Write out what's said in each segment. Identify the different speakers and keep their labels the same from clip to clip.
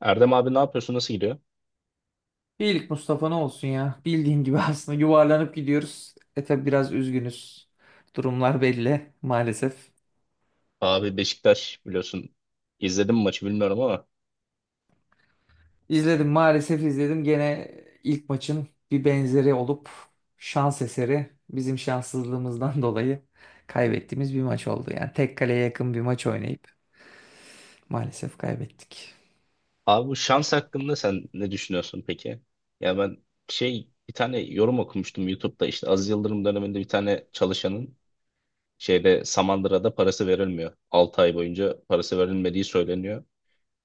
Speaker 1: Erdem abi ne yapıyorsun? Nasıl gidiyor?
Speaker 2: İyilik Mustafa ne olsun ya. Bildiğin gibi aslında yuvarlanıp gidiyoruz. Tabi biraz üzgünüz. Durumlar belli maalesef.
Speaker 1: Abi Beşiktaş biliyorsun. İzledim mi maçı bilmiyorum ama.
Speaker 2: İzledim maalesef izledim. Gene ilk maçın bir benzeri olup şans eseri bizim şanssızlığımızdan dolayı kaybettiğimiz bir maç oldu. Yani tek kaleye yakın bir maç oynayıp maalesef kaybettik.
Speaker 1: Abi bu şans hakkında sen ne düşünüyorsun peki? Ya ben bir tane yorum okumuştum YouTube'da işte Aziz Yıldırım döneminde bir tane çalışanın Samandıra'da parası verilmiyor. 6 ay boyunca parası verilmediği söyleniyor.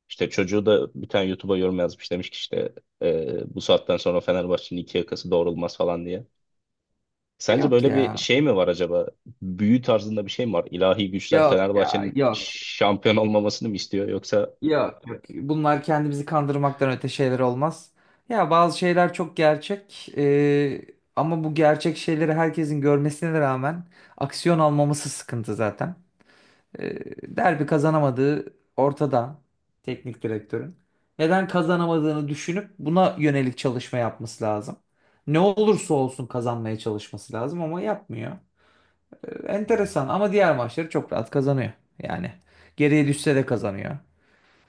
Speaker 1: İşte çocuğu da bir tane YouTube'a yorum yazmış demiş ki işte bu saatten sonra Fenerbahçe'nin iki yakası doğrulmaz falan diye. Sence
Speaker 2: Yok
Speaker 1: böyle bir
Speaker 2: ya.
Speaker 1: şey mi var acaba? Büyü tarzında bir şey mi var? İlahi güçler
Speaker 2: Yok ya.
Speaker 1: Fenerbahçe'nin
Speaker 2: Yok.
Speaker 1: şampiyon olmamasını mı istiyor? Yoksa
Speaker 2: Yok, yok. Bunlar kendimizi kandırmaktan öte şeyler olmaz. Ya bazı şeyler çok gerçek. Ama bu gerçek şeyleri herkesin görmesine rağmen aksiyon almaması sıkıntı zaten. Eee, derbi kazanamadığı ortada teknik direktörün. Neden kazanamadığını düşünüp buna yönelik çalışma yapması lazım. Ne olursa olsun kazanmaya çalışması lazım ama yapmıyor. Enteresan ama diğer maçları çok rahat kazanıyor. Yani geriye düşse de kazanıyor.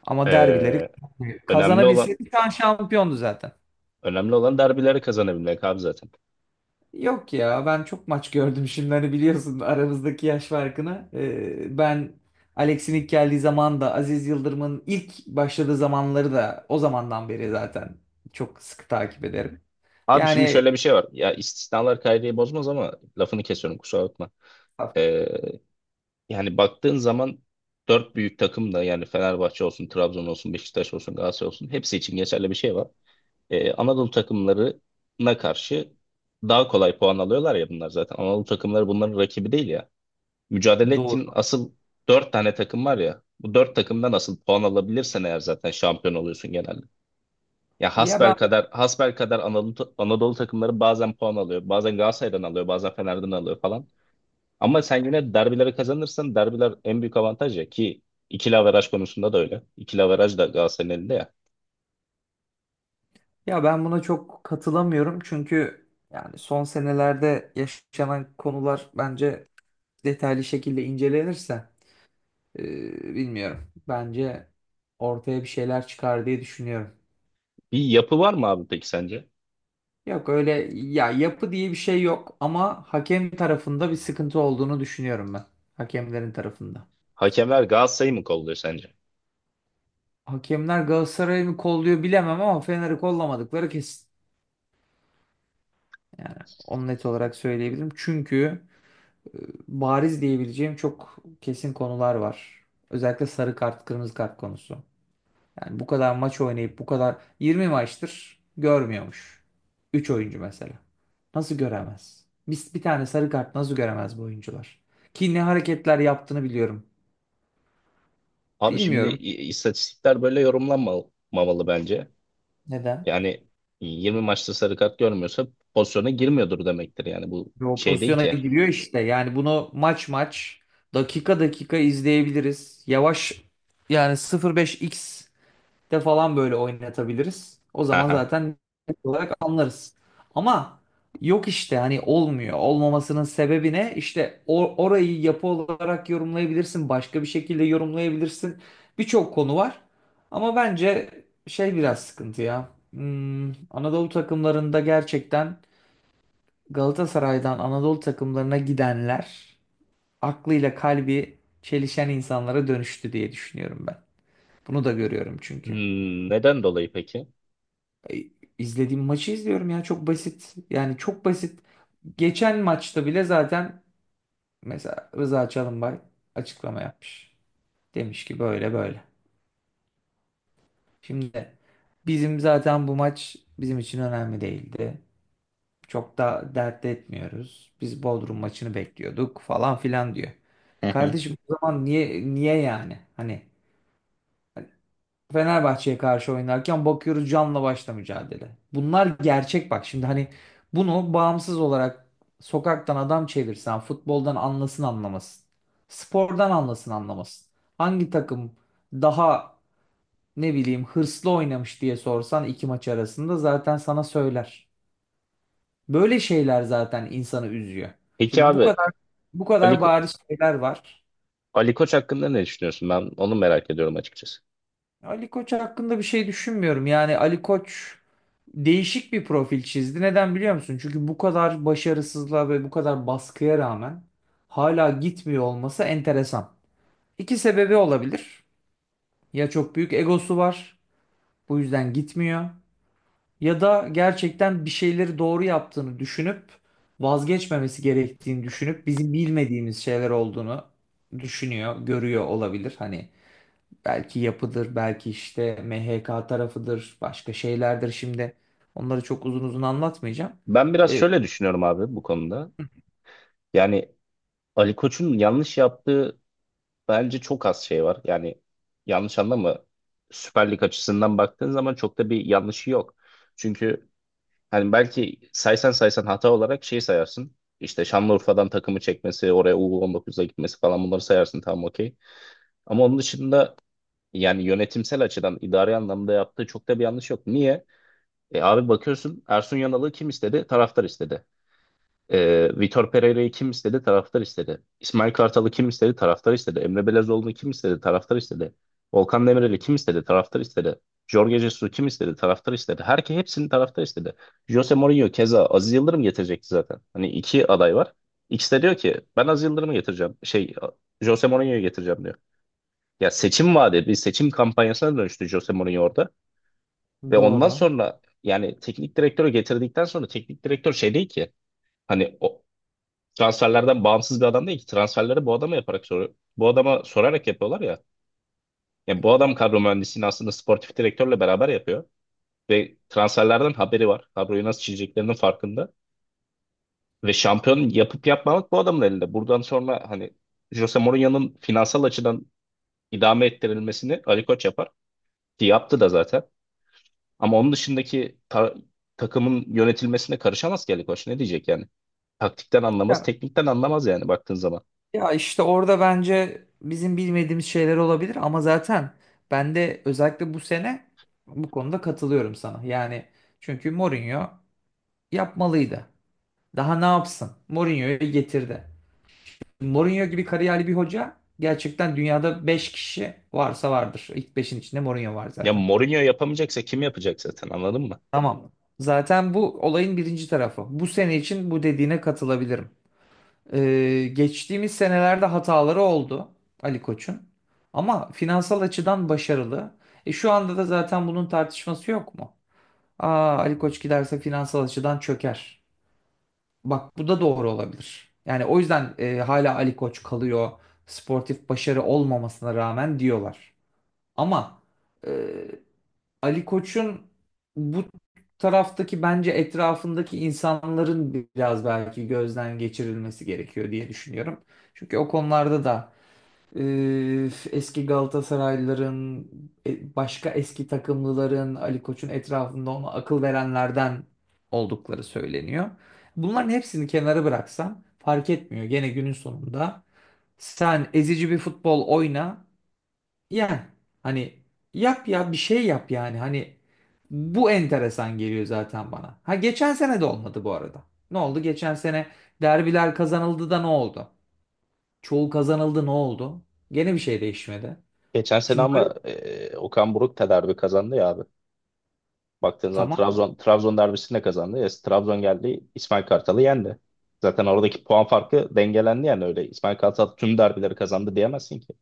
Speaker 2: Ama derbileri
Speaker 1: eee, önemli olan
Speaker 2: kazanabilseydi şu an şampiyondu zaten.
Speaker 1: önemli olan derbileri kazanabilmek abi zaten.
Speaker 2: Yok ya, ben çok maç gördüm şimdi, hani biliyorsun aramızdaki yaş farkını. Ben Alex'in ilk geldiği zaman da Aziz Yıldırım'ın ilk başladığı zamanları da o zamandan beri zaten çok sıkı takip ederim.
Speaker 1: Abi şimdi
Speaker 2: Yani
Speaker 1: şöyle bir şey var. Ya istisnalar kaideyi bozmaz ama lafını kesiyorum kusura bakma. Eee, Yani baktığın zaman dört büyük takım da yani Fenerbahçe olsun, Trabzon olsun, Beşiktaş olsun, Galatasaray olsun hepsi için geçerli bir şey var. Anadolu takımlarına karşı daha kolay puan alıyorlar ya bunlar zaten. Anadolu takımları bunların rakibi değil ya. Mücadele
Speaker 2: doğru.
Speaker 1: ettiğin asıl dört tane takım var ya. Bu dört takımdan asıl puan alabilirsen eğer zaten şampiyon oluyorsun genelde. Ya
Speaker 2: Ya ben
Speaker 1: hasbelkader Anadolu takımları bazen puan alıyor. Bazen Galatasaray'dan alıyor, bazen Fener'den alıyor falan. Ama sen yine derbileri kazanırsan derbiler en büyük avantaj ya ki ikili averaj konusunda da öyle. İkili averaj da Galatasaray'ın elinde ya.
Speaker 2: ya ben buna çok katılamıyorum, çünkü yani son senelerde yaşanan konular bence detaylı şekilde incelenirse, bilmiyorum, bence ortaya bir şeyler çıkar diye düşünüyorum.
Speaker 1: Bir yapı var mı abi peki sence?
Speaker 2: Yok öyle, ya yapı diye bir şey yok ama hakem tarafında bir sıkıntı olduğunu düşünüyorum ben. Hakemlerin tarafında.
Speaker 1: Hakemler Galatasaray'ı mı kolluyor sence?
Speaker 2: Hakemler Galatasaray'ı mı kolluyor bilemem ama Fener'i kollamadıkları kesin. Yani onu net olarak söyleyebilirim. Çünkü e, bariz diyebileceğim çok kesin konular var. Özellikle sarı kart, kırmızı kart konusu. Yani bu kadar maç oynayıp bu kadar 20 maçtır görmüyormuş. Üç oyuncu mesela. Nasıl göremez? Biz bir tane sarı kart nasıl göremez bu oyuncular? Ki ne hareketler yaptığını biliyorum.
Speaker 1: Abi şimdi
Speaker 2: Bilmiyorum
Speaker 1: istatistikler böyle yorumlanmamalı bence.
Speaker 2: neden.
Speaker 1: Yani 20 maçta sarı kart görmüyorsa pozisyona girmiyordur demektir. Yani bu
Speaker 2: Ve o
Speaker 1: şey değil
Speaker 2: pozisyona
Speaker 1: ki.
Speaker 2: giriyor işte. Yani bunu maç maç, dakika dakika izleyebiliriz. Yavaş, yani 0,5x de falan böyle oynatabiliriz. O zaman
Speaker 1: Haha.
Speaker 2: zaten net olarak anlarız. Ama yok işte, hani olmuyor. Olmamasının sebebi ne? İşte orayı yapı olarak yorumlayabilirsin. Başka bir şekilde yorumlayabilirsin. Birçok konu var. Ama bence şey biraz sıkıntı ya. Anadolu takımlarında gerçekten Galatasaray'dan Anadolu takımlarına gidenler aklıyla kalbi çelişen insanlara dönüştü diye düşünüyorum ben. Bunu da görüyorum çünkü.
Speaker 1: Hmm, neden dolayı peki?
Speaker 2: E, izlediğim maçı izliyorum ya, çok basit. Yani çok basit. Geçen maçta bile zaten mesela Rıza Çalımbay açıklama yapmış. Demiş ki böyle böyle. Şimdi bizim zaten bu maç bizim için önemli değildi. Çok da dert etmiyoruz. Biz Bodrum maçını bekliyorduk falan filan diyor.
Speaker 1: Hı hı.
Speaker 2: Kardeşim o zaman niye, niye yani? Hani Fenerbahçe'ye karşı oynarken bakıyoruz canla başla mücadele. Bunlar gerçek bak. Şimdi hani bunu bağımsız olarak sokaktan adam çevirsen futboldan anlasın anlamasın, spordan anlasın anlamasın, hangi takım daha, ne bileyim, hırslı oynamış diye sorsan iki maç arasında zaten sana söyler. Böyle şeyler zaten insanı üzüyor.
Speaker 1: Peki
Speaker 2: Şimdi bu
Speaker 1: abi
Speaker 2: kadar, bu
Speaker 1: Ali,
Speaker 2: kadar
Speaker 1: Ko-
Speaker 2: bariz şeyler var.
Speaker 1: Ali Koç hakkında ne düşünüyorsun? Ben onu merak ediyorum açıkçası.
Speaker 2: Ali Koç hakkında bir şey düşünmüyorum. Yani Ali Koç değişik bir profil çizdi. Neden biliyor musun? Çünkü bu kadar başarısızlığa ve bu kadar baskıya rağmen hala gitmiyor olması enteresan. İki sebebi olabilir. Ya çok büyük egosu var, bu yüzden gitmiyor. Ya da gerçekten bir şeyleri doğru yaptığını düşünüp, vazgeçmemesi gerektiğini düşünüp, bizim bilmediğimiz şeyler olduğunu düşünüyor, görüyor olabilir. Hani belki yapıdır, belki işte MHK tarafıdır, başka şeylerdir şimdi. Onları çok uzun uzun anlatmayacağım.
Speaker 1: Ben biraz
Speaker 2: E,
Speaker 1: şöyle düşünüyorum abi bu konuda. Yani Ali Koç'un yanlış yaptığı bence çok az şey var. Yani yanlış anlama, Süper Lig açısından baktığın zaman çok da bir yanlışı yok. Çünkü hani belki saysan saysan hata olarak şey sayarsın. İşte Şanlıurfa'dan takımı çekmesi, oraya U19'a gitmesi falan bunları sayarsın, tamam, okey. Ama onun dışında yani yönetimsel açıdan idari anlamda yaptığı çok da bir yanlış yok. Niye? E abi bakıyorsun, Ersun Yanal'ı kim istedi? Taraftar istedi. Vitor Pereira'yı kim istedi? Taraftar istedi. İsmail Kartal'ı kim istedi? Taraftar istedi. Emre Belezoğlu'nu kim istedi? Taraftar istedi. Volkan Demirel'i kim istedi? Taraftar istedi. Jorge Jesus'u kim istedi? Taraftar istedi. Herkes hepsini taraftar istedi. Jose Mourinho keza Aziz Yıldırım getirecekti zaten. Hani iki aday var. İkisi de diyor ki ben Aziz Yıldırım'ı getireceğim. Jose Mourinho'yu getireceğim diyor. Ya seçim vaadi bir seçim kampanyasına dönüştü Jose Mourinho orada. Ve ondan
Speaker 2: doğru.
Speaker 1: sonra yani teknik direktörü getirdikten sonra teknik direktör şey değil ki. Hani o, transferlerden bağımsız bir adam değil ki. Transferleri bu adama yaparak, soru bu adama sorarak yapıyorlar ya. Yani bu adam kadro mühendisliğini aslında sportif direktörle beraber yapıyor ve transferlerden haberi var. Kadroyu nasıl çizeceklerinin farkında ve şampiyon yapıp yapmamak bu adamın elinde. Buradan sonra hani Jose Mourinho'nun finansal açıdan idame ettirilmesini Ali Koç yapar ki yaptı da zaten. Ama onun dışındaki takımın yönetilmesine karışamaz ki Ali Koç. Ne diyecek yani? Taktikten anlamaz,
Speaker 2: Ya,
Speaker 1: teknikten anlamaz yani baktığın zaman.
Speaker 2: ya işte orada bence bizim bilmediğimiz şeyler olabilir ama zaten ben de özellikle bu sene bu konuda katılıyorum sana. Yani çünkü Mourinho yapmalıydı. Daha ne yapsın? Mourinho'yu getirdi. Mourinho gibi kariyerli bir hoca gerçekten dünyada 5 kişi varsa vardır. İlk beşin içinde Mourinho var
Speaker 1: Ya
Speaker 2: zaten.
Speaker 1: Mourinho yapamayacaksa kim yapacak zaten, anladın mı?
Speaker 2: Tamam. Zaten bu olayın birinci tarafı. Bu sene için bu dediğine katılabilirim. Geçtiğimiz senelerde hataları oldu Ali Koç'un. Ama finansal açıdan başarılı. Şu anda da zaten bunun tartışması yok mu? Ali Koç giderse finansal açıdan çöker. Bak bu da doğru olabilir. Yani o yüzden hala Ali Koç kalıyor. Sportif başarı olmamasına rağmen diyorlar. Ama e, Ali Koç'un bu taraftaki, bence etrafındaki insanların biraz belki gözden geçirilmesi gerekiyor diye düşünüyorum. Çünkü o konularda da e, eski Galatasaraylıların, başka eski takımlıların, Ali Koç'un etrafında ona akıl verenlerden oldukları söyleniyor. Bunların hepsini kenara bıraksam fark etmiyor. Gene günün sonunda sen ezici bir futbol oyna. Yani hani yap ya, bir şey yap yani, hani bu enteresan geliyor zaten bana. Ha geçen sene de olmadı bu arada. Ne oldu? Geçen sene derbiler kazanıldı da ne oldu? Çoğu kazanıldı ne oldu? Gene bir şey değişmedi.
Speaker 1: Geçen sene
Speaker 2: Şimdi böyle,
Speaker 1: ama Okan Buruk da derbi kazandı ya abi. Baktığın zaman
Speaker 2: tamam,
Speaker 1: Trabzon derbisini de kazandı. Ya, Trabzon geldi İsmail Kartal'ı yendi. Zaten oradaki puan farkı dengelendi yani öyle. İsmail Kartal tüm derbileri kazandı diyemezsin ki.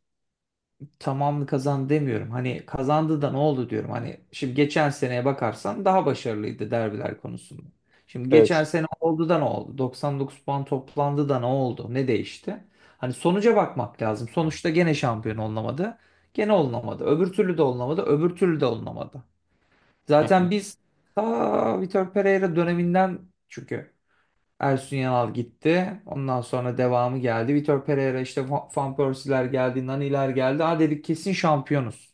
Speaker 2: tamamını kazandı demiyorum. Hani kazandı da ne oldu diyorum. Hani şimdi geçen seneye bakarsan daha başarılıydı derbiler konusunda. Şimdi geçen
Speaker 1: Evet.
Speaker 2: sene oldu da ne oldu? 99 puan toplandı da ne oldu? Ne değişti? Hani sonuca bakmak lazım. Sonuçta gene şampiyon olunamadı. Gene olunamadı. Öbür türlü de olunamadı. Öbür türlü de olunamadı.
Speaker 1: Hı hı.
Speaker 2: Zaten biz ta Vitor Pereira döneminden, çünkü Ersun Yanal gitti. Ondan sonra devamı geldi. Vitor Pereira işte, Van Persie'ler geldi, Nani'ler geldi. Ha dedik kesin şampiyonuz.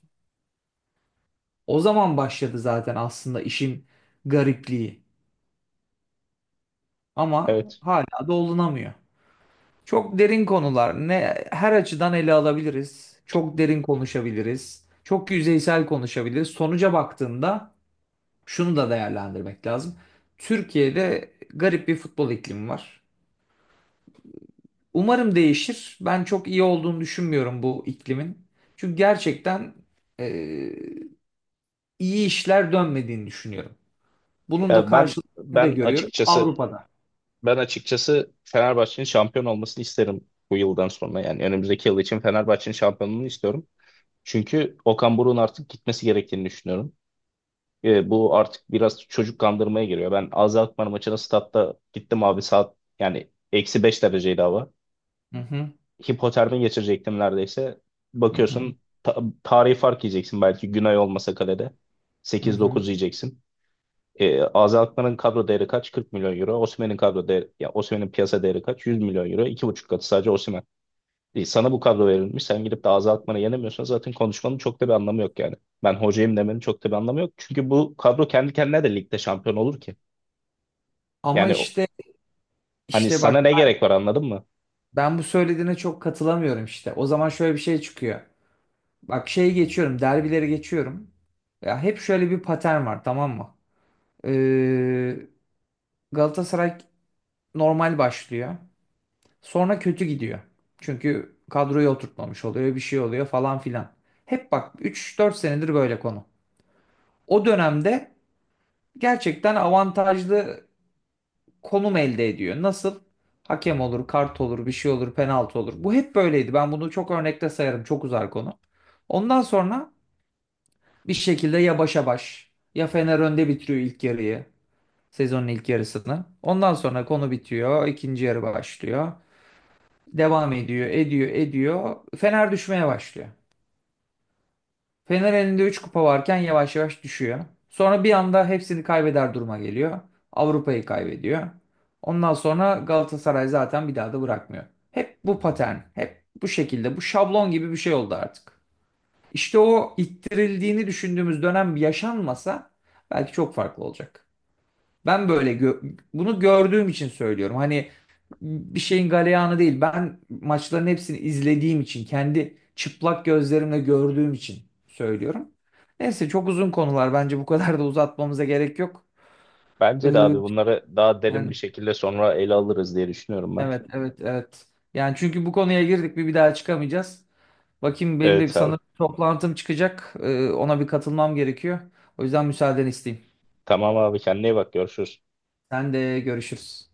Speaker 2: O zaman başladı zaten aslında işin garipliği. Ama
Speaker 1: Evet.
Speaker 2: hala dolunamıyor. Çok derin konular. Ne her açıdan ele alabiliriz. Çok derin konuşabiliriz. Çok yüzeysel konuşabiliriz. Sonuca baktığında şunu da değerlendirmek lazım. Türkiye'de garip bir futbol iklimi var. Umarım değişir. Ben çok iyi olduğunu düşünmüyorum bu iklimin. Çünkü gerçekten e, iyi işler dönmediğini düşünüyorum. Bunun da
Speaker 1: Ya
Speaker 2: karşılığını da görüyorum Avrupa'da.
Speaker 1: ben açıkçası Fenerbahçe'nin şampiyon olmasını isterim bu yıldan sonra. Yani önümüzdeki yıl için Fenerbahçe'nin şampiyonluğunu istiyorum. Çünkü Okan Buruk'un artık gitmesi gerektiğini düşünüyorum. Bu artık biraz çocuk kandırmaya giriyor. Ben AZ Alkmaar maçına statta gittim abi, saat yani -5 dereceydi hava.
Speaker 2: Hı hı,
Speaker 1: Hipotermi geçirecektim neredeyse.
Speaker 2: hı hı,
Speaker 1: Bakıyorsun tarihi fark yiyeceksin belki Günay olmasa kalede.
Speaker 2: hı
Speaker 1: sekiz
Speaker 2: hı.
Speaker 1: dokuz yiyeceksin. AZ Alkmaar'ın kadro değeri kaç? 40 milyon euro. Osimhen'in kadro değeri, ya Osimhen'in piyasa değeri kaç? 100 milyon euro. 2,5 katı sadece Osimhen. Sana bu kadro verilmiş. Sen gidip de azaltmanı yenemiyorsan zaten konuşmanın çok da bir anlamı yok yani. Ben hocayım demenin çok da bir anlamı yok. Çünkü bu kadro kendi kendine de ligde şampiyon olur ki.
Speaker 2: Ama
Speaker 1: Yani
Speaker 2: işte
Speaker 1: hani
Speaker 2: işte
Speaker 1: sana
Speaker 2: bak,
Speaker 1: ne gerek var, anladın mı?
Speaker 2: ben bu söylediğine çok katılamıyorum işte. O zaman şöyle bir şey çıkıyor. Bak şeyi geçiyorum, derbileri geçiyorum. Ya hep şöyle bir patern var, tamam mı? Ee, Galatasaray normal başlıyor. Sonra kötü gidiyor. Çünkü kadroyu oturtmamış oluyor, bir şey oluyor falan filan. Hep bak üç dört senedir böyle konu. O dönemde gerçekten avantajlı konum elde ediyor. Nasıl? Hakem olur, kart olur, bir şey olur, penaltı olur. Bu hep böyleydi. Ben bunu çok örnekte sayarım. Çok uzar konu. Ondan sonra bir şekilde ya başa baş, ya Fener önde bitiriyor ilk yarıyı. Sezonun ilk yarısını. Ondan sonra konu bitiyor. İkinci yarı başlıyor. Devam ediyor, ediyor, ediyor. Fener düşmeye başlıyor. Fener elinde 3 kupa varken yavaş yavaş düşüyor. Sonra bir anda hepsini kaybeder duruma geliyor. Avrupa'yı kaybediyor. Ondan sonra Galatasaray zaten bir daha da bırakmıyor. Hep bu patern, hep bu şekilde, bu şablon gibi bir şey oldu artık. İşte o ittirildiğini düşündüğümüz dönem yaşanmasa belki çok farklı olacak. Ben böyle bunu gördüğüm için söylüyorum. Hani bir şeyin galeyanı değil. Ben maçların hepsini izlediğim için, kendi çıplak gözlerimle gördüğüm için söylüyorum. Neyse çok uzun konular. Bence bu kadar da uzatmamıza gerek yok. Ee,
Speaker 1: Bence de abi bunları daha derin
Speaker 2: yani
Speaker 1: bir şekilde sonra ele alırız diye düşünüyorum ben.
Speaker 2: evet evet evet. Yani çünkü bu konuya girdik bir daha çıkamayacağız. Bakayım benim de
Speaker 1: Evet abi.
Speaker 2: sanırım toplantım çıkacak. Ona bir katılmam gerekiyor. O yüzden müsaadeni isteyeyim.
Speaker 1: Tamam abi, kendine iyi bak, görüşürüz.
Speaker 2: Sen de görüşürüz.